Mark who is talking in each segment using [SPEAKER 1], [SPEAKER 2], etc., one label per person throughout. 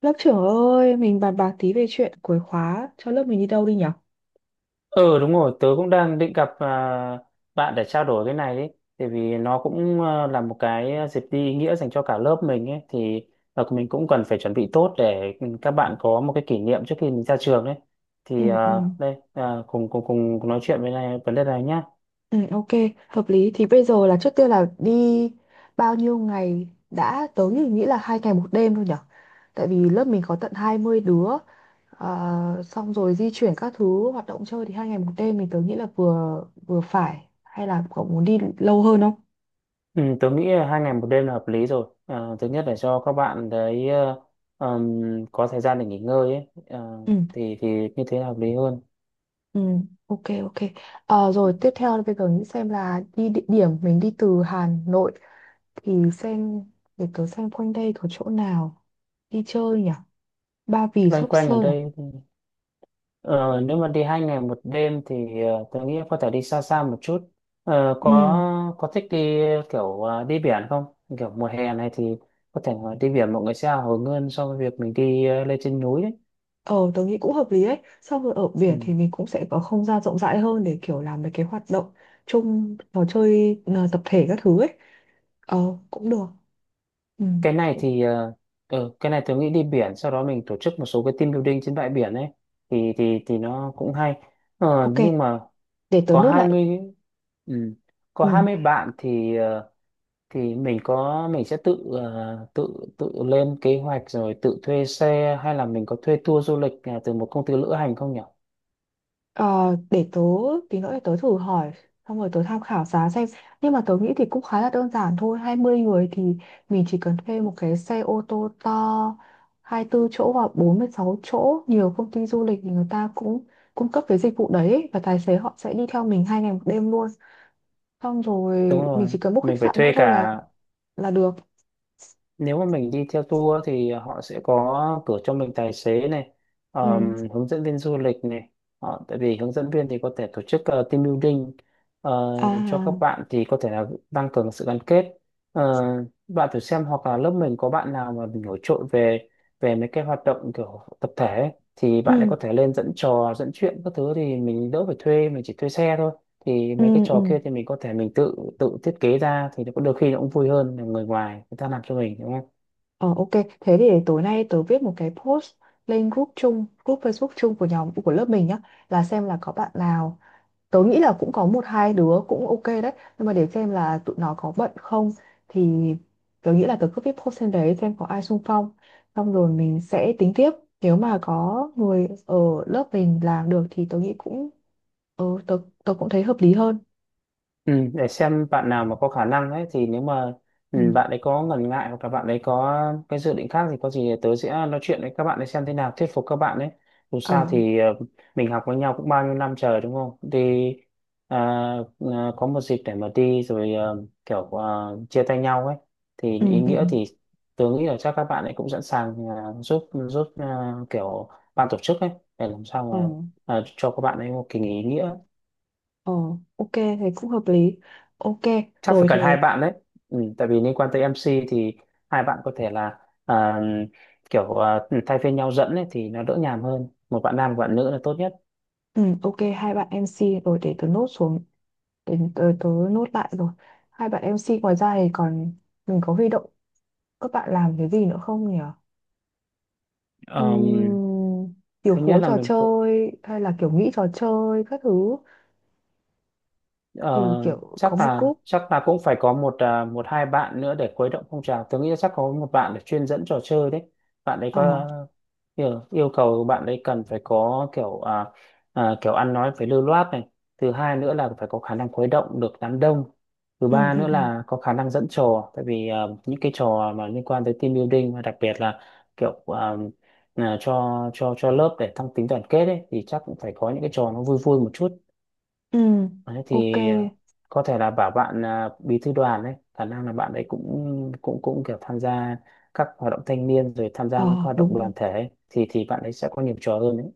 [SPEAKER 1] Lớp trưởng ơi, mình bàn bạc tí về chuyện cuối khóa cho lớp mình đi đâu đi nhở?
[SPEAKER 2] Ừ, đúng rồi, tớ cũng đang định gặp bạn để trao đổi cái này ấy. Tại vì nó cũng là một cái dịp đi ý nghĩa dành cho cả lớp mình ấy. Thì à, mình cũng cần phải chuẩn bị tốt để ừ, các bạn có một cái kỷ niệm trước khi mình ra trường ấy.
[SPEAKER 1] Ừ,
[SPEAKER 2] Thì
[SPEAKER 1] ừ,
[SPEAKER 2] đây, cùng nói chuyện với này, vấn đề này nhá.
[SPEAKER 1] ừ, ok, hợp lý. Thì bây giờ là trước tiên là đi bao nhiêu ngày đã. Tớ nghĩ nghĩ là 2 ngày 1 đêm thôi nhở? Tại vì lớp mình có tận 20 đứa. Xong rồi di chuyển các thứ hoạt động chơi thì 2 ngày 1 đêm tớ nghĩ là vừa vừa phải. Hay là cậu muốn đi lâu hơn không?
[SPEAKER 2] Ừ, tớ nghĩ là 2 ngày 1 đêm là hợp lý rồi. À, thứ nhất là cho các bạn đấy có thời gian để nghỉ ngơi ấy. À,
[SPEAKER 1] Ừ.
[SPEAKER 2] thì như thế là hợp lý hơn.
[SPEAKER 1] Ừ, ok ok. Rồi tiếp theo là bây giờ nghĩ xem là đi địa điểm. Mình đi từ Hà Nội thì xem, để tớ xem quanh đây có chỗ nào đi chơi nhỉ? Ba Vì,
[SPEAKER 2] Loanh
[SPEAKER 1] Sóc
[SPEAKER 2] quanh ở
[SPEAKER 1] Sơn à?
[SPEAKER 2] đây. Ờ, nếu mà đi hai ngày một đêm thì tôi nghĩ có thể đi xa xa một chút. Ờ, có
[SPEAKER 1] Ừ,
[SPEAKER 2] có thích đi kiểu đi biển không? Kiểu mùa hè này thì có thể là đi biển mọi người sẽ hào hứng hơn so với việc mình đi lên trên núi đấy.
[SPEAKER 1] ờ tớ nghĩ cũng hợp lý ấy. Xong rồi ở biển thì
[SPEAKER 2] Ừ.
[SPEAKER 1] mình cũng sẽ có không gian rộng rãi hơn để kiểu làm mấy cái hoạt động chung, trò chơi, tập thể các thứ ấy. Ờ cũng được. Ừ.
[SPEAKER 2] Cái này thì cái này tôi nghĩ đi biển sau đó mình tổ chức một số cái team building trên bãi biển ấy thì nó cũng hay. Ờ,
[SPEAKER 1] Ok,
[SPEAKER 2] nhưng mà
[SPEAKER 1] để tớ
[SPEAKER 2] có
[SPEAKER 1] nốt lại.
[SPEAKER 2] 20. Ừ. Có
[SPEAKER 1] Ừ.
[SPEAKER 2] 20 bạn thì thì mình sẽ tự ờ, tự tự lên kế hoạch rồi tự thuê xe, hay là mình có thuê tour du lịch từ một công ty lữ hành không nhỉ?
[SPEAKER 1] Ờ, để tớ tí nữa, để tớ thử hỏi xong rồi tớ tham khảo giá xem. Nhưng mà tớ nghĩ thì cũng khá là đơn giản thôi. 20 người thì mình chỉ cần thuê một cái xe ô tô to 24 chỗ hoặc 46 chỗ. Nhiều công ty du lịch thì người ta cũng cung cấp cái dịch vụ đấy ấy, và tài xế họ sẽ đi theo mình 2 ngày 1 đêm luôn. Xong rồi
[SPEAKER 2] Đúng
[SPEAKER 1] mình
[SPEAKER 2] rồi,
[SPEAKER 1] chỉ cần book
[SPEAKER 2] mình
[SPEAKER 1] khách
[SPEAKER 2] phải
[SPEAKER 1] sạn nữa
[SPEAKER 2] thuê
[SPEAKER 1] thôi là
[SPEAKER 2] cả,
[SPEAKER 1] được.
[SPEAKER 2] nếu mà mình đi theo tour thì họ sẽ có cử cho mình tài xế này,
[SPEAKER 1] Ừ.
[SPEAKER 2] hướng dẫn viên du lịch này, họ tại vì hướng dẫn viên thì có thể tổ chức team building ờ, cho
[SPEAKER 1] À.
[SPEAKER 2] các bạn thì có thể là tăng cường sự gắn kết. Ờ, bạn thử xem hoặc là lớp mình có bạn nào mà mình nổi trội về về mấy cái hoạt động kiểu tập thể ấy, thì bạn ấy
[SPEAKER 1] Ừ,
[SPEAKER 2] có thể lên dẫn trò dẫn chuyện các thứ thì mình đỡ phải thuê, mình chỉ thuê xe thôi, thì
[SPEAKER 1] ừ,
[SPEAKER 2] mấy cái
[SPEAKER 1] ừ.
[SPEAKER 2] trò kia thì mình có thể mình tự tự thiết kế ra thì nó có đôi khi nó cũng vui hơn là người ngoài người ta làm cho mình đúng không.
[SPEAKER 1] Ờ ok, thế thì để tối nay tớ viết một cái post lên group chung, group Facebook chung của nhóm của lớp mình nhá, là xem là có bạn nào. Tớ nghĩ là cũng có một hai đứa cũng ok đấy, nhưng mà để xem là tụi nó có bận không. Thì tớ nghĩ là tớ cứ viết post lên đấy xem có ai xung phong. Xong rồi mình sẽ tính tiếp. Nếu mà có người ở lớp mình làm được thì tớ nghĩ cũng, ờ tớ tớ cũng thấy hợp lý hơn.
[SPEAKER 2] Ừ, để xem bạn nào mà có khả năng ấy thì nếu mà ừ,
[SPEAKER 1] Ừ.
[SPEAKER 2] bạn ấy có ngần ngại hoặc là bạn ấy có cái dự định khác thì có gì thì tớ sẽ nói chuyện với các bạn ấy xem thế nào, thuyết phục các bạn ấy. Dù
[SPEAKER 1] Ờ.
[SPEAKER 2] sao thì mình học với nhau cũng bao nhiêu năm trời đúng không đi, à, có một dịp để mà đi rồi kiểu chia tay nhau ấy thì
[SPEAKER 1] Ừ
[SPEAKER 2] ý
[SPEAKER 1] ừ ừ.
[SPEAKER 2] nghĩa, thì tớ nghĩ là chắc các bạn ấy cũng sẵn sàng ờ, giúp giúp ờ, kiểu ban tổ chức ấy để làm sao
[SPEAKER 1] Ờ.
[SPEAKER 2] mà cho các bạn ấy một kỳ nghỉ ý nghĩa.
[SPEAKER 1] Ờ, ok, thế cũng hợp lý. Ok,
[SPEAKER 2] Chắc phải
[SPEAKER 1] rồi
[SPEAKER 2] cần hai
[SPEAKER 1] thế.
[SPEAKER 2] bạn đấy, ừ, tại vì liên quan tới MC thì hai bạn có thể là à, kiểu thay phiên nhau dẫn ấy, thì nó đỡ nhàm hơn, một bạn nam một bạn nữ là tốt nhất.
[SPEAKER 1] Ừ, ok, hai bạn MC rồi để tớ nốt xuống, để tớ nốt lại rồi. Hai bạn MC ngoài ra thì còn mình có huy động các bạn làm cái gì nữa không nhỉ?
[SPEAKER 2] Ờm,
[SPEAKER 1] Ừm, điều
[SPEAKER 2] thứ nhất
[SPEAKER 1] phối
[SPEAKER 2] là
[SPEAKER 1] trò
[SPEAKER 2] mình
[SPEAKER 1] chơi hay là kiểu nghĩ trò chơi các thứ,
[SPEAKER 2] Ờ,
[SPEAKER 1] thì kiểu có
[SPEAKER 2] chắc
[SPEAKER 1] một
[SPEAKER 2] là
[SPEAKER 1] group.
[SPEAKER 2] chắc là cũng phải có một một hai bạn nữa để khuấy động phong trào. Tôi nghĩ là chắc có một bạn để chuyên dẫn trò chơi đấy. Bạn ấy
[SPEAKER 1] Ờ.
[SPEAKER 2] có kiểu, yêu cầu bạn ấy cần phải có kiểu ăn nói phải lưu loát này. Thứ hai nữa là phải có khả năng khuấy động được đám đông. Thứ
[SPEAKER 1] Ừ
[SPEAKER 2] ba
[SPEAKER 1] ừ
[SPEAKER 2] nữa
[SPEAKER 1] ừ
[SPEAKER 2] là có khả năng dẫn trò. Tại vì những cái trò mà liên quan tới team building và đặc biệt là kiểu à, cho cho lớp để tăng tính đoàn kết ấy thì chắc cũng phải có những cái trò nó vui vui một chút.
[SPEAKER 1] ừ
[SPEAKER 2] Đấy,
[SPEAKER 1] ok.
[SPEAKER 2] thì có thể là bảo bạn bí thư đoàn đấy, khả năng là bạn ấy cũng cũng cũng kiểu tham gia các hoạt động thanh niên, rồi tham gia các
[SPEAKER 1] Ờ
[SPEAKER 2] hoạt động
[SPEAKER 1] đúng.
[SPEAKER 2] đoàn thể ấy, thì bạn ấy sẽ có nhiều trò hơn đấy.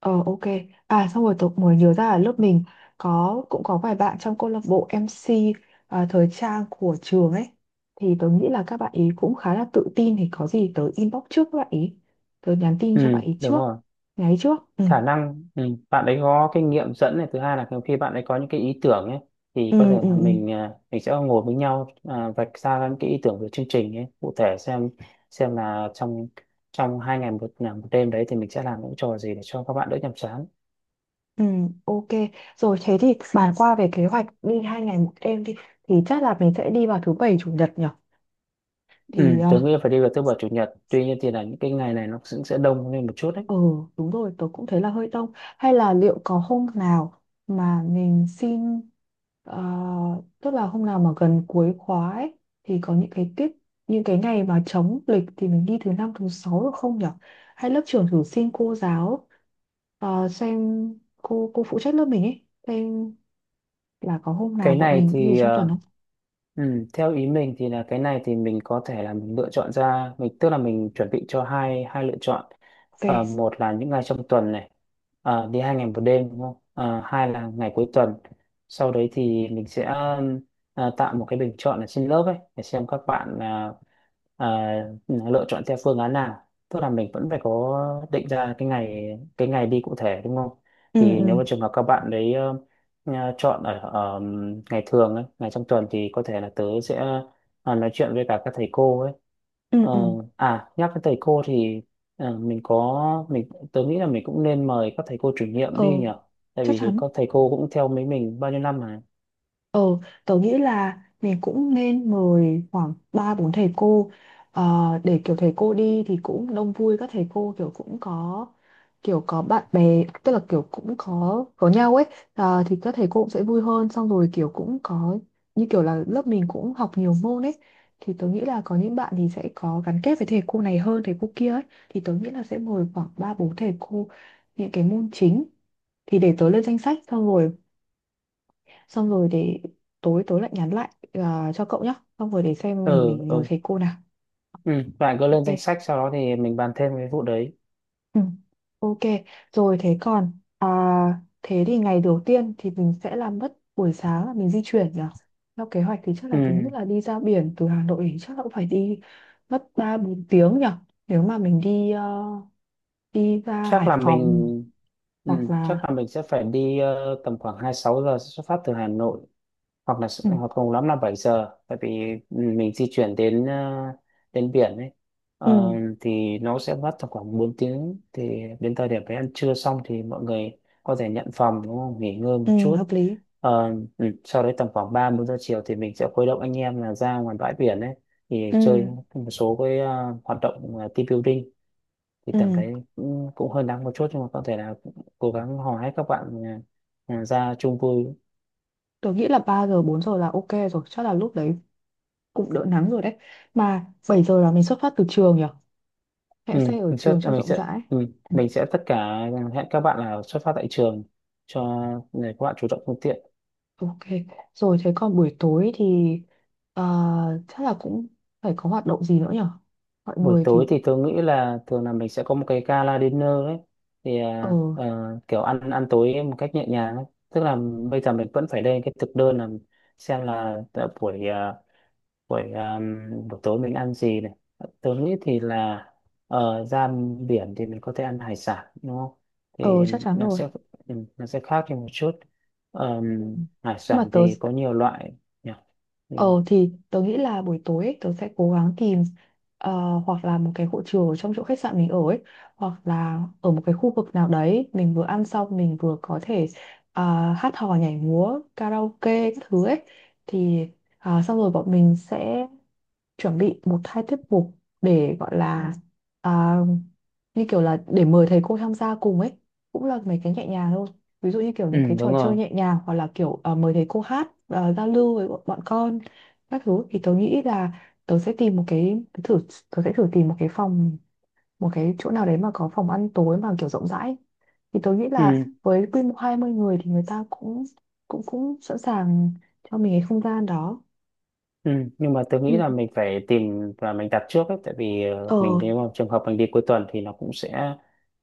[SPEAKER 1] Ờ ok. À xong rồi tôi mới nhớ ra là lớp mình cũng có vài bạn trong câu lạc bộ MC thời trang của trường ấy. Thì tôi nghĩ là các bạn ý cũng khá là tự tin, thì có gì tớ inbox trước các bạn ý. Tớ nhắn tin
[SPEAKER 2] Ừ
[SPEAKER 1] cho bạn ý
[SPEAKER 2] đúng
[SPEAKER 1] trước.
[SPEAKER 2] rồi,
[SPEAKER 1] Nhắn trước. Ừ.
[SPEAKER 2] khả năng ừ, bạn ấy có kinh nghiệm dẫn này, thứ hai là khi bạn ấy có những cái ý tưởng ấy thì có thể
[SPEAKER 1] Ừ, ừ,
[SPEAKER 2] là
[SPEAKER 1] ừ.
[SPEAKER 2] mình sẽ ngồi với nhau, vạch ra những cái ý tưởng về chương trình ấy cụ thể, xem là trong trong hai ngày một, là một đêm đấy thì mình sẽ làm những trò gì để cho các bạn đỡ nhàm chán.
[SPEAKER 1] Ừ, ok. Rồi thế thì bàn qua về kế hoạch đi 2 ngày 1 đêm đi. Thì chắc là mình sẽ đi vào thứ bảy chủ nhật nhỉ?
[SPEAKER 2] Ừ,
[SPEAKER 1] Thì ờ,
[SPEAKER 2] tớ nghĩ là phải đi vào thứ bảy chủ nhật, tuy nhiên thì là những cái ngày này nó cũng sẽ đông lên một chút đấy.
[SPEAKER 1] Ừ đúng rồi, tớ cũng thấy là hơi đông. Hay là liệu có hôm nào mà mình xin, ờ, tức là hôm nào mà gần cuối khóa ấy, thì có những cái tiết, những cái ngày mà trống lịch, thì mình đi thứ năm thứ sáu được không nhở? Hay lớp trưởng thử xin cô giáo, xem cô phụ trách lớp mình ấy, xem là có hôm nào
[SPEAKER 2] Cái
[SPEAKER 1] bọn
[SPEAKER 2] này
[SPEAKER 1] mình đi ở
[SPEAKER 2] thì
[SPEAKER 1] trong tuần không?
[SPEAKER 2] ừ, theo ý mình thì là cái này thì mình có thể là mình lựa chọn ra, mình tức là mình chuẩn bị cho hai hai lựa chọn.
[SPEAKER 1] Ok.
[SPEAKER 2] Ờ, một là những ngày trong tuần này đi hai ngày một đêm đúng không. Ờ, hai là ngày cuối tuần, sau đấy thì mình sẽ tạo một cái bình chọn ở trên lớp ấy để xem các bạn à, lựa chọn theo phương án nào, tức là mình vẫn phải có định ra cái ngày đi cụ thể đúng không,
[SPEAKER 1] Ừ
[SPEAKER 2] thì
[SPEAKER 1] ừ
[SPEAKER 2] nếu mà trường hợp các bạn đấy nhà chọn ở ngày thường ấy, ngày trong tuần, thì có thể là tớ sẽ nói chuyện với cả các thầy cô ấy.
[SPEAKER 1] ừ
[SPEAKER 2] Ờ,
[SPEAKER 1] ừ.
[SPEAKER 2] à nhắc đến thầy cô thì mình tớ nghĩ là mình cũng nên mời các thầy cô chủ nhiệm
[SPEAKER 1] Ờ
[SPEAKER 2] đi nhỉ. Tại
[SPEAKER 1] chắc
[SPEAKER 2] vì rồi
[SPEAKER 1] chắn.
[SPEAKER 2] các thầy cô cũng theo mấy mình bao nhiêu năm mà.
[SPEAKER 1] Ờ, tớ nghĩ là mình cũng nên mời khoảng 3 4 thầy cô, ờ, để kiểu thầy cô đi thì cũng đông vui, các thầy cô kiểu cũng có kiểu có bạn bè, tức là kiểu cũng có nhau ấy. Ờ, thì các thầy cô cũng sẽ vui hơn. Xong rồi kiểu cũng có, như kiểu là lớp mình cũng học nhiều môn ấy, thì tớ nghĩ là có những bạn thì sẽ có gắn kết với thầy cô này hơn thầy cô kia ấy. Thì tớ nghĩ là sẽ mời khoảng 3 4 thầy cô những cái môn chính. Thì để tớ lên danh sách, xong rồi để tối tối lại nhắn lại, cho cậu nhá, xong rồi để xem
[SPEAKER 2] Ừ
[SPEAKER 1] mình ngồi
[SPEAKER 2] ừ.
[SPEAKER 1] thầy cô nào.
[SPEAKER 2] Ừ, bạn cứ lên danh sách
[SPEAKER 1] Ok.
[SPEAKER 2] sau đó thì mình bàn thêm cái vụ đấy.
[SPEAKER 1] Ừ. Ok, rồi thế còn, à, thế thì ngày đầu tiên thì mình sẽ làm mất buổi sáng là mình di chuyển nhỉ. Theo kế hoạch thì chắc
[SPEAKER 2] Ừ,
[SPEAKER 1] là thống nhất là đi ra biển. Từ Hà Nội thì chắc là cũng phải đi mất 3 4 tiếng nhỉ, nếu mà mình đi đi ra
[SPEAKER 2] chắc là
[SPEAKER 1] Hải Phòng
[SPEAKER 2] mình ừ,
[SPEAKER 1] hoặc
[SPEAKER 2] chắc
[SPEAKER 1] là.
[SPEAKER 2] là mình sẽ phải đi tầm khoảng 26 giờ xuất phát từ Hà Nội, hoặc là
[SPEAKER 1] Ừ,
[SPEAKER 2] hoặc cùng lắm là 7 giờ, tại vì mình di chuyển đến đến biển ấy,
[SPEAKER 1] ừ,
[SPEAKER 2] Ờ, thì nó sẽ mất tầm khoảng 4 tiếng, thì đến thời điểm đấy ăn trưa xong thì mọi người có thể nhận phòng đúng không, nghỉ ngơi một
[SPEAKER 1] ừ,
[SPEAKER 2] chút.
[SPEAKER 1] hợp lý.
[SPEAKER 2] Ờ, ừ, sau đấy tầm khoảng 3 4 giờ chiều thì mình sẽ khuấy động anh em là ra ngoài bãi biển ấy thì
[SPEAKER 1] Ừ,
[SPEAKER 2] chơi một số cái hoạt động team building, thì
[SPEAKER 1] ừ.
[SPEAKER 2] tầm đấy cũng, cũng hơi nắng một chút nhưng mà có thể là cố gắng hò hét các bạn ra chung vui.
[SPEAKER 1] Tôi nghĩ là 3 giờ 4 giờ là ok rồi. Chắc là lúc đấy cũng đỡ nắng rồi đấy. Mà 7 giờ là mình xuất phát từ trường nhỉ,
[SPEAKER 2] Ừ,
[SPEAKER 1] hẹn xe ở trường cho
[SPEAKER 2] mình
[SPEAKER 1] rộng
[SPEAKER 2] sẽ
[SPEAKER 1] rãi.
[SPEAKER 2] ừ,
[SPEAKER 1] Ừ,
[SPEAKER 2] mình sẽ tất cả hẹn các bạn là xuất phát tại trường, cho để các bạn chủ động phương tiện.
[SPEAKER 1] ok. Rồi thế còn buổi tối thì, ờ, chắc là cũng phải có hoạt động gì nữa nhỉ? Mọi
[SPEAKER 2] Buổi
[SPEAKER 1] người thì.
[SPEAKER 2] tối thì tôi nghĩ là thường là mình sẽ có một cái gala dinner ấy, thì
[SPEAKER 1] Ờ.
[SPEAKER 2] kiểu ăn ăn tối một cách nhẹ nhàng ấy. Tức là bây giờ mình vẫn phải lên cái thực đơn, là xem là tại buổi à, buổi buổi tối mình ăn gì này, tớ nghĩ thì là ở ra biển thì mình có thể ăn hải sản đúng không, thì
[SPEAKER 1] Ờ chắc chắn
[SPEAKER 2] nó
[SPEAKER 1] rồi.
[SPEAKER 2] sẽ nó sẽ khác đi một chút.
[SPEAKER 1] Ừ.
[SPEAKER 2] Ờm, hải
[SPEAKER 1] Nhưng mà
[SPEAKER 2] sản
[SPEAKER 1] tớ.
[SPEAKER 2] thì có nhiều loại nhỉ. Ừ,
[SPEAKER 1] Ờ thì tớ nghĩ là buổi tối ấy, tớ sẽ cố gắng tìm, ờ, hoặc là một cái hội trường ở trong chỗ khách sạn mình ở ấy, hoặc là ở một cái khu vực nào đấy mình vừa ăn xong mình vừa có thể, hát hò nhảy múa karaoke các thứ ấy. Thì, à, xong rồi bọn mình sẽ chuẩn bị một hai tiết mục để gọi là, à, như kiểu là để mời thầy cô tham gia cùng ấy, cũng là mấy cái nhẹ nhàng thôi. Ví dụ như kiểu
[SPEAKER 2] ừ,
[SPEAKER 1] những cái trò
[SPEAKER 2] đúng
[SPEAKER 1] chơi
[SPEAKER 2] rồi.
[SPEAKER 1] nhẹ nhàng, hoặc là kiểu mời thầy cô hát, giao lưu với bọn bọn con các thứ. Thì tớ nghĩ là tớ sẽ tìm một cái, tớ thử, tớ sẽ thử tìm một cái phòng, một cái chỗ nào đấy mà có phòng ăn tối mà kiểu rộng rãi. Thì tớ nghĩ là
[SPEAKER 2] Ừ.
[SPEAKER 1] với quy mô 20 người thì người ta cũng cũng cũng sẵn sàng cho mình cái không gian đó.
[SPEAKER 2] Ừ, nhưng mà tôi nghĩ
[SPEAKER 1] Ừ.
[SPEAKER 2] là mình phải tìm và mình đặt trước ấy, tại vì
[SPEAKER 1] Ờ
[SPEAKER 2] mình nếu mà trường hợp mình đi cuối tuần thì nó cũng sẽ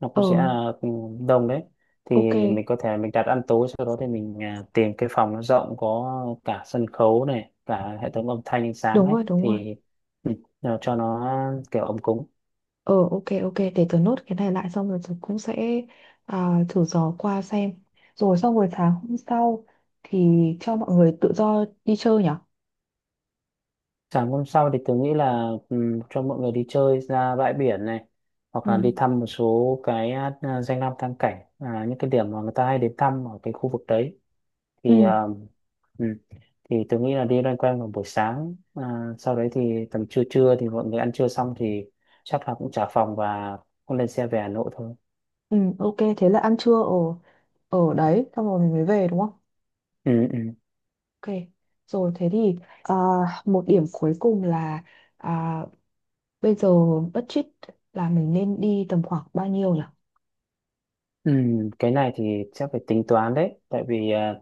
[SPEAKER 2] nó
[SPEAKER 1] ờ
[SPEAKER 2] cũng sẽ đông đấy, thì
[SPEAKER 1] ok.
[SPEAKER 2] mình có thể mình đặt ăn tối, sau đó thì mình tìm cái phòng nó rộng, có cả sân khấu này, cả hệ thống âm thanh ánh sáng
[SPEAKER 1] Đúng
[SPEAKER 2] ấy,
[SPEAKER 1] rồi đúng rồi.
[SPEAKER 2] thì ừ, cho nó kiểu ấm cúng.
[SPEAKER 1] Ờ ok ok, để tớ nốt cái này lại, xong rồi tớ cũng sẽ, thử dò qua xem. Rồi xong rồi sáng hôm sau thì cho mọi người tự do đi chơi nhở.
[SPEAKER 2] Sáng hôm sau thì tôi nghĩ là ừ, cho mọi người đi chơi ra bãi biển này, hoặc là
[SPEAKER 1] Ừ.
[SPEAKER 2] đi thăm một số cái danh lam thắng cảnh, những cái điểm mà người ta hay đến thăm ở cái khu vực đấy, thì
[SPEAKER 1] Ừ.
[SPEAKER 2] ừ, thì tôi nghĩ là đi loanh quanh vào buổi sáng, sau đấy thì tầm trưa trưa thì mọi người ăn trưa xong thì chắc là cũng trả phòng và cũng lên xe về Hà Nội thôi.
[SPEAKER 1] Ừ, ok, thế là ăn trưa ở ở đấy, xong rồi mình mới về đúng không?
[SPEAKER 2] Ừ, ừ.
[SPEAKER 1] Ok, rồi thế thì, à, một điểm cuối cùng là, à, bây giờ budget là mình nên đi tầm khoảng bao nhiêu nhỉ?
[SPEAKER 2] Ừ, cái này thì chắc phải tính toán đấy, tại vì ờ,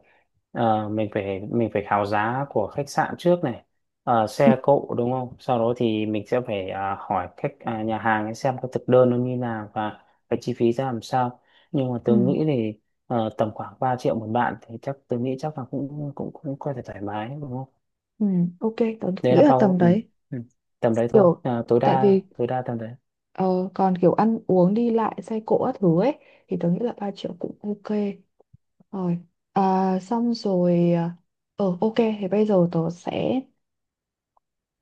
[SPEAKER 2] ờ, mình phải khảo giá của khách sạn trước này, Ờ,
[SPEAKER 1] Ừ.
[SPEAKER 2] xe cộ đúng không? Sau đó thì mình sẽ phải hỏi nhà hàng ấy xem cái thực đơn nó như nào, và cái chi phí ra làm sao. Nhưng mà
[SPEAKER 1] Ừ,
[SPEAKER 2] tôi nghĩ thì tầm khoảng 3 triệu một bạn thì chắc tôi nghĩ chắc là cũng cũng cũng có thể thoải mái đúng không?
[SPEAKER 1] ừ, ok, tớ cũng
[SPEAKER 2] Đấy
[SPEAKER 1] nghĩ
[SPEAKER 2] là
[SPEAKER 1] là
[SPEAKER 2] bao
[SPEAKER 1] tầm
[SPEAKER 2] ừ,
[SPEAKER 1] đấy.
[SPEAKER 2] ừ, tầm đấy thôi.
[SPEAKER 1] Kiểu,
[SPEAKER 2] Ờ, tối
[SPEAKER 1] tại
[SPEAKER 2] đa
[SPEAKER 1] vì
[SPEAKER 2] tối đa tầm đấy.
[SPEAKER 1] ờ, còn kiểu ăn uống đi lại xe cộ các thứ ấy, thì tớ nghĩ là 3 triệu cũng ok. Rồi, à, xong rồi, ờ, ok, thì bây giờ tớ sẽ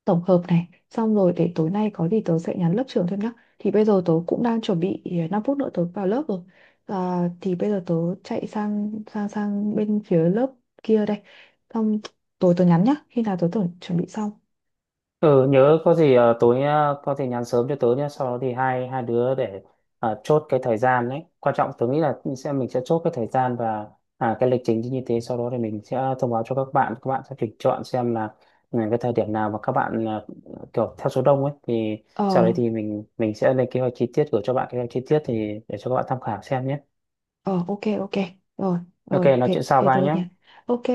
[SPEAKER 1] tổng hợp này, xong rồi để tối nay có gì tớ sẽ nhắn lớp trưởng thêm nhá. Thì bây giờ tớ cũng đang chuẩn bị, 5 phút nữa tớ vào lớp rồi. À, thì bây giờ tớ chạy sang sang sang bên phía lớp kia đây, xong tối tớ nhắn nhá khi nào tớ tưởng chuẩn bị xong.
[SPEAKER 2] Ừ, nhớ có gì tối có thể nhắn sớm cho tớ nhé, sau đó thì hai hai đứa để chốt cái thời gian đấy, quan trọng tớ nghĩ là sẽ mình sẽ chốt cái thời gian và cái lịch trình như thế, sau đó thì mình sẽ thông báo cho các bạn, các bạn sẽ tuyển chọn xem là ừ, cái thời điểm nào mà các bạn kiểu theo số đông ấy thì sau đấy
[SPEAKER 1] Ờ.
[SPEAKER 2] thì mình sẽ lên kế hoạch chi tiết gửi cho bạn, kế hoạch chi tiết thì để cho các bạn tham khảo xem nhé.
[SPEAKER 1] Ờ ok ok. Rồi.
[SPEAKER 2] OK,
[SPEAKER 1] Rồi
[SPEAKER 2] nói
[SPEAKER 1] thế
[SPEAKER 2] chuyện sau,
[SPEAKER 1] thế
[SPEAKER 2] bye
[SPEAKER 1] tớ
[SPEAKER 2] nhé.
[SPEAKER 1] nhắn. Ok.